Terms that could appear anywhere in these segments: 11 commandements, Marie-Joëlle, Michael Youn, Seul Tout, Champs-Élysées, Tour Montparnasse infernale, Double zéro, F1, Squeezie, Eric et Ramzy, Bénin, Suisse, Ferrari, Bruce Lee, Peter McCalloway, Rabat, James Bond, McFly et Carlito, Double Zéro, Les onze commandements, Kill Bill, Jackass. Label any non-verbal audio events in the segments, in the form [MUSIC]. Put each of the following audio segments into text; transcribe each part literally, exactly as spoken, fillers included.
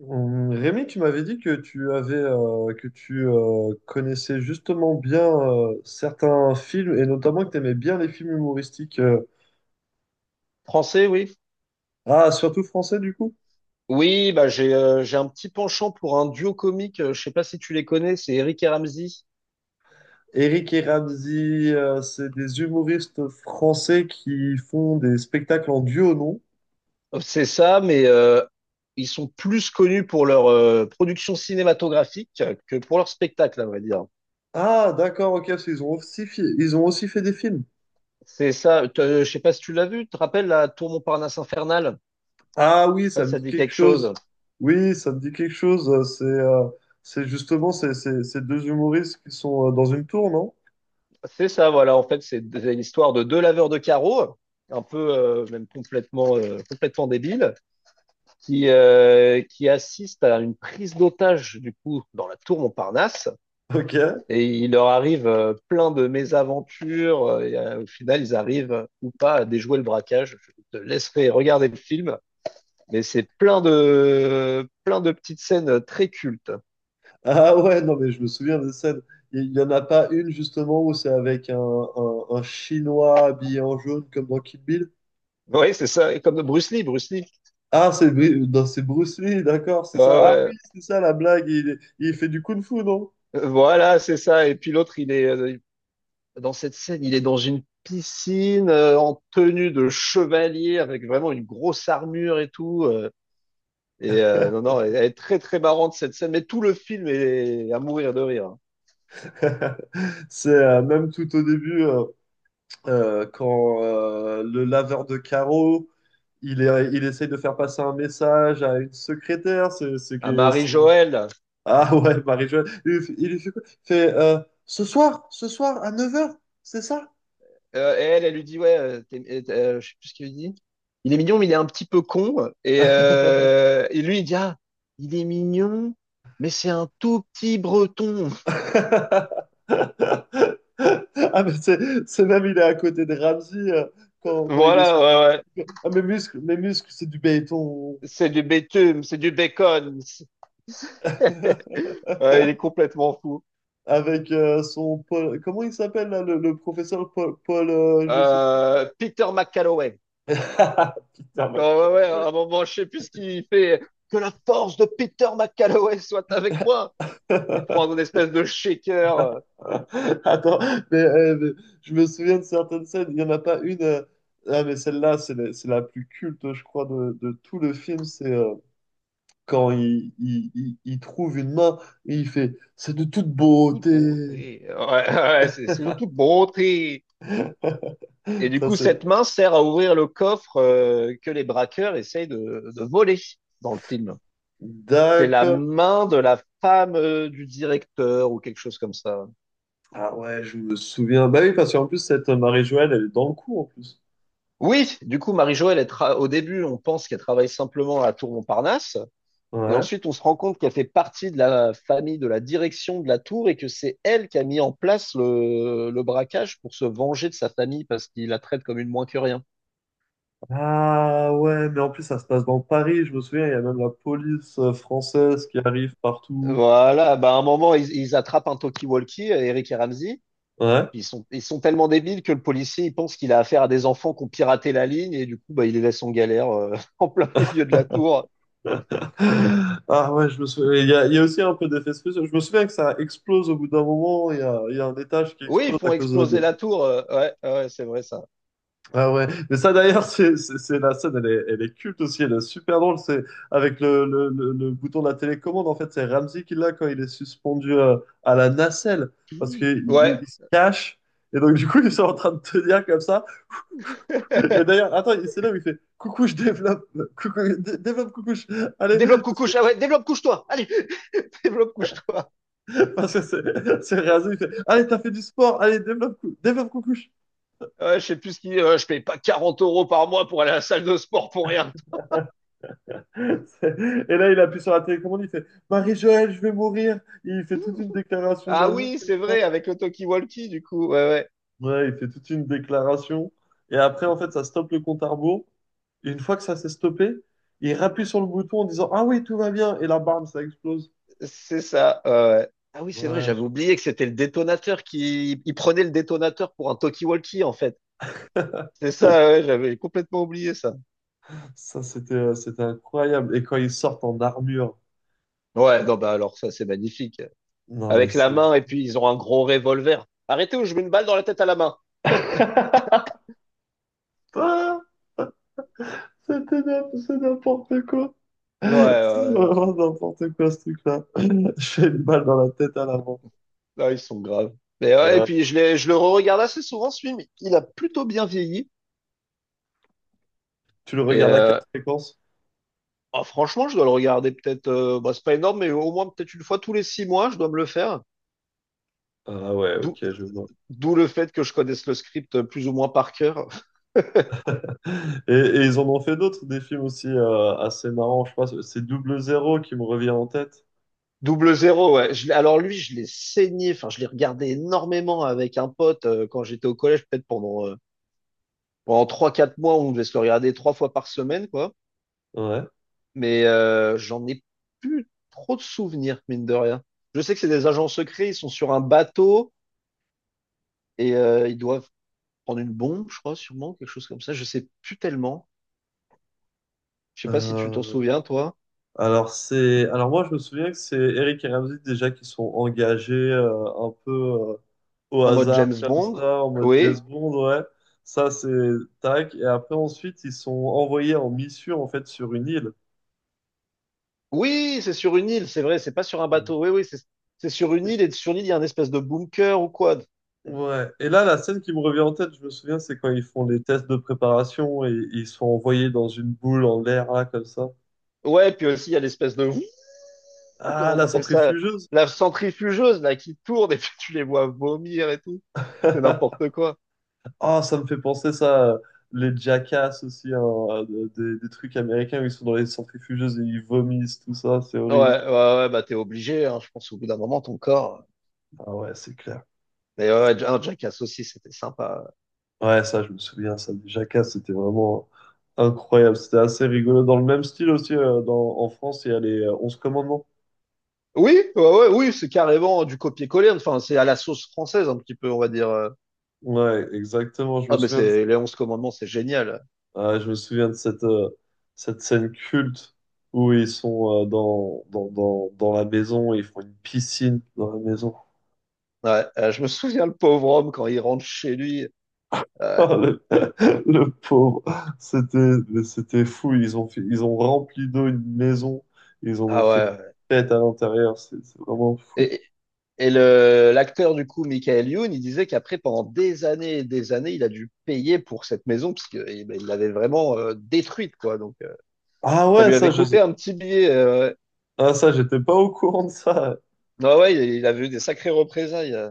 Hum, Rémi, tu m'avais dit que tu avais euh, que tu euh, connaissais justement bien euh, certains films et notamment que tu aimais bien les films humoristiques. euh, Français, oui. Ah, surtout français du coup. Oui, bah j'ai euh, j'ai un petit penchant pour un duo comique. euh, Je sais pas si tu les connais, c'est Eric et Ramzy. Eric et Ramzy, euh, c'est des humoristes français qui font des spectacles en duo, non? Euh, C'est ça, mais euh, ils sont plus connus pour leur euh, production cinématographique euh, que pour leur spectacle, à vrai dire. Ah, d'accord, ok, parce qu'ils ont aussi fi- ils ont aussi fait des films. C'est ça. t'as- Je sais pas si tu l'as vu. Tu te rappelles la Tour Montparnasse infernale? Ah oui, Je ça sais pas si me ça dit te dit quelque quelque chose. chose. Oui, ça me dit quelque chose. euh, C'est euh, c'est justement ces, ces- ces deux humoristes qui sont euh, dans une tour, non? C'est ça, voilà. En fait, c'est d- l'histoire de deux laveurs de carreaux, un peu euh, même complètement euh, complètement débiles qui, euh, qui assiste à une prise d'otage du coup dans la tour Montparnasse Ok. et il leur arrive euh, plein de mésaventures euh, et euh, au final ils arrivent euh, ou pas à déjouer le braquage. Je te laisserai regarder le film, mais c'est plein de plein de petites scènes très cultes. Ah ouais, non, mais je me souviens de scène. Il n'y en a pas une, justement, où c'est avec un, un- un Chinois habillé en jaune, comme dans Kill Bill. Oui, c'est ça, comme Bruce Lee, Bruce Lee. Ah, c'est Bru- non, c'est Bruce Lee, d'accord, c'est Ouais, ça. Ah ouais. oui, c'est ça la blague, il, est- il fait du kung-fu, non? Voilà, c'est ça. Et puis l'autre, il est euh, dans cette scène, il est dans une piscine euh, en tenue de chevalier avec vraiment une grosse armure et tout. Euh, Et euh, non, [LAUGHS] non, elle est très, très marrante cette scène, mais tout le film est à mourir de rire. C'est euh, même tout au début, euh, euh, quand euh, le laveur de carreaux, il, est, il essaye de faire passer un message à une secrétaire, c'est c'est À que- c'est- Marie-Joëlle, ah ouais, Marie-Jo, il lui fait il lui fait quoi? Il fait euh, ce soir, ce soir à neuf heures, c'est ça? euh, et elle, elle lui dit, ouais, euh, t'es- euh, euh, je sais plus ce qu'il lui dit. Il est mignon, mais il est un petit peu con. Et, [LAUGHS] euh, et lui, il dit, ah, il est mignon, mais c'est un tout petit breton. [LAUGHS] Ah, mais c'est c'est même, il est à côté de Ramsey euh, quand, quand il Voilà, essaie de. ouais, ouais. Ah, mes muscles, mes muscles, c'est du béton. C'est du bitume, c'est du bacon. [LAUGHS] [LAUGHS] Ouais, il est complètement fou. Avec euh, son Paul. Comment il s'appelle là, le, le professeur Paul, Paul, euh, je sais plus. Euh, Peter McCalloway. [LAUGHS] Putain, ma Quand, ouais, ouais, gueule, à un moment, je sais plus ce qu'il fait. Que la force de Peter McCalloway soit avec moi. ouais. Il prend une [LAUGHS] espèce de shaker. euh, [LAUGHS] Attends, mais, euh, mais je me souviens de certaines scènes. Il n'y en a pas une. euh, Ah, mais celle-là, c'est la, c'est la plus culte, je crois, de, de tout le film. C'est euh, quand il, il, il- il trouve une main et il fait c'est de toute Toute beauté. beauté. Ouais, [LAUGHS] ouais, c'est c'est de toute beauté. [LAUGHS] Et du Ça, coup, c'est. cette main sert à ouvrir le coffre euh, que les braqueurs essayent de, de voler dans le film. C'est la D'accord. main de la femme euh, du directeur ou quelque chose comme ça. Ah ouais, je me souviens. Bah oui, parce qu'en plus, cette Marie-Joëlle, elle est dans le coup, en plus. Oui, du coup, Marie-Jo, elle est tra- au début, on pense qu'elle travaille simplement à la Tour Montparnasse. Et Ouais. ensuite, on se rend compte qu'elle fait partie de la famille, de la direction de la tour et que c'est elle qui a mis en place le, le braquage pour se venger de sa famille parce qu'il la traite comme une moins que rien. Ah ouais, mais en plus, ça se passe dans Paris. Je me souviens, il y a même la police euh, française qui arrive partout. Voilà, bah à un moment, ils, ils attrapent un talkie-walkie, Eric et Ramsey. Ouais. Ils sont, ils sont tellement débiles que le policier, il pense qu'il a affaire à des enfants qui ont piraté la ligne et du coup, bah, il les laisse en galère euh, [LAUGHS] en plein milieu de la tour. [LAUGHS] Ah ouais, je me souviens. Il y a, il y a aussi un peu d'effets spéciaux. Je me souviens que ça explose au bout d'un moment. Il y a, il y a un étage qui Oui, ils explose font à cause exploser de. la tour. euh, ouais, ouais, ouais, c'est vrai ça. Ah ouais. Mais ça d'ailleurs, [LAUGHS] c'est c'est- c'est la scène, elle est, elle est culte aussi. Elle est super drôle. C'est avec le, le, le, le bouton de la télécommande. En fait, c'est Ramsey qui l'a quand il est suspendu euh, à la nacelle parce qu'il Ouais. il- il se cache. Et donc, du coup, ils sont en train de tenir comme ça. Et [LAUGHS] d'ailleurs, attends, il- c'est là où il fait coucou, je développe, coucou, dé- développe, coucou, je- allez. développe coucouche. Ah ouais, développe couche-toi. Allez, [LAUGHS] développe couche-toi. [LAUGHS] Parce que c'est c'est rasé, il fait, allez, t'as fait du sport, allez, développe, cou- développe coucouche. Ouais, je sais plus ce qui. Euh, je paye pas quarante euros par mois pour aller à la salle de sport pour rien. C'est- [LAUGHS] Et là, il appuie sur la télécommande, il fait Marie-Joëlle, je vais mourir. Il fait toute une déclaration Ah d'amour oui, comme c'est ça. vrai, avec le talkie-walkie, du coup. Ouais, ouais, Ouais, il fait toute une déclaration. Et après, en fait, ça stoppe le compte à rebours. Et une fois que ça s'est stoppé, il appuie sur le bouton en disant ah oui, tout va bien. Et la barbe, ça explose. c'est ça. Ouais, ouais. Ah oui, c'est vrai, Ouais, j'avais oublié que c'était le détonateur qui. Il prenait le détonateur pour un talkie-walkie, en fait. C'est ça, ouais, j'avais complètement oublié ça. ça, c'était euh, c'était incroyable. Et quand ils sortent en armure, Ouais, non, bah alors ça, c'est magnifique. non, mais Avec la c'est. main, et puis ils ont un gros revolver. Arrêtez ou je mets une balle dans la tête à la main. [LAUGHS] Ah, c'était n'im- c'est n'importe quoi. Ouais, C'est ouais, non. vraiment n'importe quoi ce truc-là. [LAUGHS] J'ai une balle dans la tête à l'avant. Ah, ils sont graves. Mais ouais, et Ah, puis je l'ai, je le re-regarde assez souvent, ce film. Il a plutôt bien vieilli. tu le Et regardes à quelle euh, fréquence? Ah, franchement, je dois le regarder peut-être. Euh, bah, c'est pas énorme, mais au moins peut-être une fois tous les six mois, je dois me le faire. Ah ouais, D'où, ok, je vois. D'où le fait que je connaisse le script euh, plus ou moins par cœur. [LAUGHS] Et, et ils en ont fait d'autres, des films aussi euh, assez marrants, je crois. C'est Double Zéro qui me revient en tête. Double zéro, ouais. Je l'ai- alors lui, je l'ai saigné. Enfin, je l'ai regardé énormément avec un pote euh, quand j'étais au collège, peut-être pendant euh, pendant trois quatre mois, on devait se le regarder trois fois par semaine, quoi. Ouais. Mais euh, j'en ai plus trop de souvenirs, mine de rien. Je sais que c'est des agents secrets. Ils sont sur un bateau et euh, ils doivent prendre une bombe, je crois, sûrement quelque chose comme ça. Je sais plus tellement. Je sais pas si tu t'en Euh, souviens, toi, alors c'est, alors moi je me souviens que c'est Eric et Ramzy déjà qui sont engagés euh, un peu euh, au en mode hasard James comme Bond. ça en mode Oui, jazz Bond, ouais. Ça c'est tac. Et après ensuite ils sont envoyés en mission en fait sur une île. oui, c'est sur une île, c'est vrai, c'est pas sur un bateau. Oui, oui, c'est c'est sur une île et sur l'île, il y a un espèce de bunker ou quoi. Ouais. Et là, la scène qui me revient en tête, je me souviens, c'est quand ils font les tests de préparation et, ils sont envoyés dans une boule en l'air, là, comme ça. Ouais, puis aussi, il y a l'espèce de, [LAUGHS] ouh, Ah, comment la t'appelles ça, centrifugeuse! la centrifugeuse, là, qui tourne et [LAUGHS] puis tu les vois vomir et tout. C'est [LAUGHS] n'importe quoi. Ah, ça me fait penser ça, euh, les Jackass aussi, hein, euh, des, des trucs américains où ils sont dans les centrifugeuses et ils vomissent, tout ça, c'est Ouais, horrible. ouais, ouais, bah t'es obligé, hein, je pense, au bout d'un moment, ton corps. Ah ouais, c'est clair. Mais ouais, ouais, un Jackass aussi, c'était sympa. Ouais, ça, je me souviens, ça, les Jackass, c'était vraiment incroyable. C'était assez rigolo. Dans le même style aussi, euh, dans, en France, il y a les euh, onze commandements. Oui, ouais, ouais, oui, c'est carrément du copier-coller. Enfin, c'est à la sauce française, un petit peu, on va dire. euh, Ouais, exactement, je me Ah, mais souviens de c'est les onze commandements, c'est génial. ah, je me souviens de cette, euh, cette scène culte où ils sont euh, dans, dans, dans, dans la maison et ils font une piscine dans la maison. Ouais, euh, je me souviens le pauvre homme quand il rentre chez lui. Euh, Ah, le, [LAUGHS] le pauvre, c'était, c'était fou. Ils ont fait, ils ont rempli d'eau une maison. Ils en ah ont fait une ouais. Ouais. fête à l'intérieur. C'est c'est vraiment fou. Et, et le l'acteur du coup, Michael Youn, il disait qu'après pendant des années et des années, il a dû payer pour cette maison parce que eh ben, il l'avait vraiment euh, détruite quoi. Donc euh, Ah ça ouais, lui ça, avait je, coûté un petit billet. euh, ah, ça, j'étais pas au courant de ça. Non ouais, il, il avait eu des sacrées représailles. euh.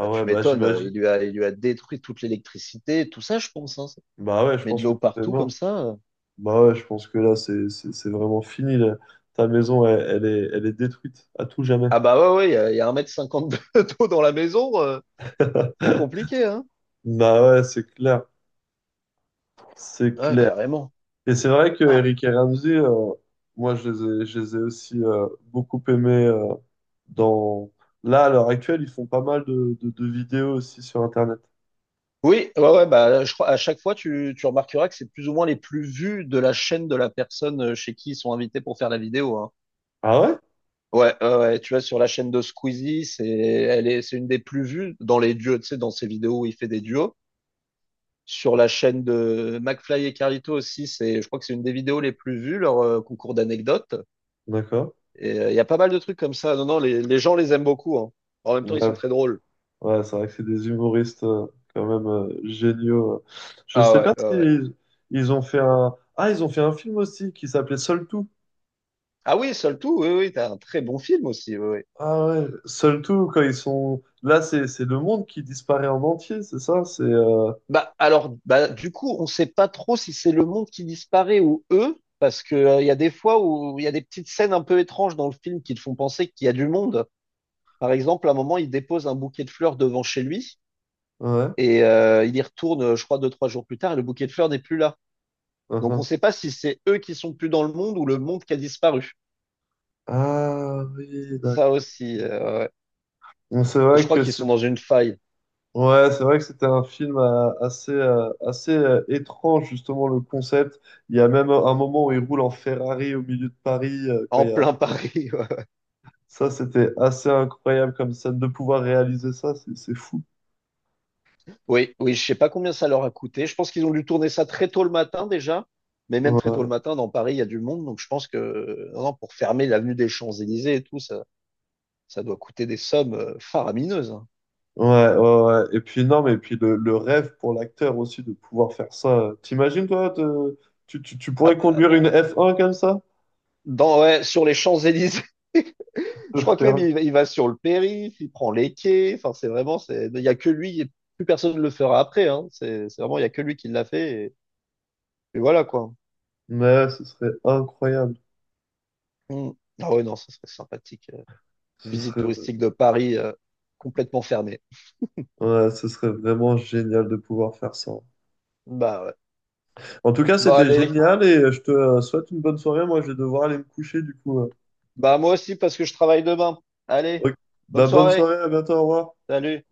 Bah tu ouais, bah m'étonnes, euh, il j'imagine. lui a il lui a détruit toute l'électricité, tout ça je pense. Hein. Bah ouais, je Mais de pense que l'eau tout est partout comme mort. ça. euh. Bah ouais, je pense que là, c'est c'est- c'est vraiment fini. Là. Ta maison, elle, elle est, elle est détruite à tout jamais. Ah bah ouais ouais, il y a, il y a un mètre cinquante de- [LAUGHS] d'eau dans la maison. euh. C'est compliqué, hein? [LAUGHS] Bah ouais, c'est clair. C'est Ah, clair. carrément. Et c'est vrai que Ah. Eric et Ramsey, euh, moi, je les ai, je les ai aussi euh, beaucoup aimés euh, dans... Là, à l'heure actuelle, ils font pas mal de, de, de vidéos aussi sur Internet. Oui, ouais, ouais, bah, je crois, à chaque fois, tu, tu remarqueras que c'est plus ou moins les plus vus de la chaîne de la personne euh, chez qui ils sont invités pour faire la vidéo, hein. Ah ouais? Ouais, ouais, ouais, tu vois, sur la chaîne de Squeezie, c'est, elle est, c'est une des plus vues dans les duos, tu sais, dans ses vidéos où il fait des duos. Sur la chaîne de McFly et Carlito aussi, c'est, je crois que c'est une des vidéos les plus vues, leur euh, concours d'anecdotes. D'accord. Et euh, il y a pas mal de trucs comme ça. Non, non, les, les gens les aiment beaucoup, hein. En même temps, ils Ouais, sont très drôles. ouais, c'est vrai que c'est des humoristes euh, quand même euh, géniaux. euh. Je Ah sais pas ouais, ouais, si ouais. ils, ils ont fait un... Ah, ils ont fait un film aussi qui s'appelait Seul Tout. Ah oui, Seul Tout, oui, oui, t'as un très bon film aussi. Oui, oui. Ah ouais, Seul Tout, quand ils sont... Là, c'est c'est le monde qui disparaît en entier, c'est ça? C'est... euh, Bah, alors, bah, du coup, on sait pas trop si c'est le monde qui disparaît ou eux, parce que, euh, il y a des fois où il y a des petites scènes un peu étranges dans le film qui te font penser qu'il y a du monde. Par exemple, à un moment, il dépose un bouquet de fleurs devant chez lui, Ouais. et euh, il y retourne, euh, je crois, deux, trois jours plus tard, et le bouquet de fleurs n'est plus là. Donc, on Uhum. sait pas si c'est eux qui sont plus dans le monde ou le monde qui a disparu. Ah oui, Ça d'accord. aussi, euh, ouais. Bon, c'est Et je vrai crois que qu'ils c'est... sont dans une faille, Ouais, c'est vrai que c'était un film euh, assez, euh, assez euh, étrange, justement, le concept. Il y a même un moment où ils roulent en Ferrari au milieu de Paris, euh, en quoi, plein Paris. [LAUGHS] ça, c'était assez incroyable comme scène de pouvoir réaliser ça, c'est c'est fou. Oui, oui, je sais pas combien ça leur a coûté. Je pense qu'ils ont dû tourner ça très tôt le matin déjà, mais même très tôt Ouais, le matin, dans Paris, il y a du monde, donc je pense que non, non, pour fermer l'avenue des Champs-Élysées et tout, ça, ça doit coûter des sommes euh, faramineuses. Hein. ouais, ouais, ouais. Et puis non, mais puis le, le rêve pour l'acteur aussi de pouvoir faire ça. T'imagines toi, te- tu, tu, tu Ah pourrais bah, conduire une bah, là. F un comme ça? Dans, ouais, sur les Champs-Élysées, [LAUGHS] Ce je crois que serait, même inc- il, va- il va sur le périph', il prend les quais, enfin c'est vraiment, c'est, il y a que lui, et plus personne ne le fera après, hein. C'est c'est vraiment, il y a que lui qui l'a fait, et, et voilà quoi. mais ce serait incroyable. Hmm. Ah ouais, non, ça serait sympathique. euh, Ce Visite serait, touristique de Paris euh, complètement fermée. ouais, ce serait vraiment génial de pouvoir faire ça. Bah ouais. En tout cas, Bah c'était allez, génial et je te euh, souhaite une bonne soirée. Moi, je vais devoir aller me coucher du coup. euh. bah moi aussi parce que je travaille demain. Allez, Ok. bonne Bah, bonne soirée. soirée, à bientôt, au revoir. Salut.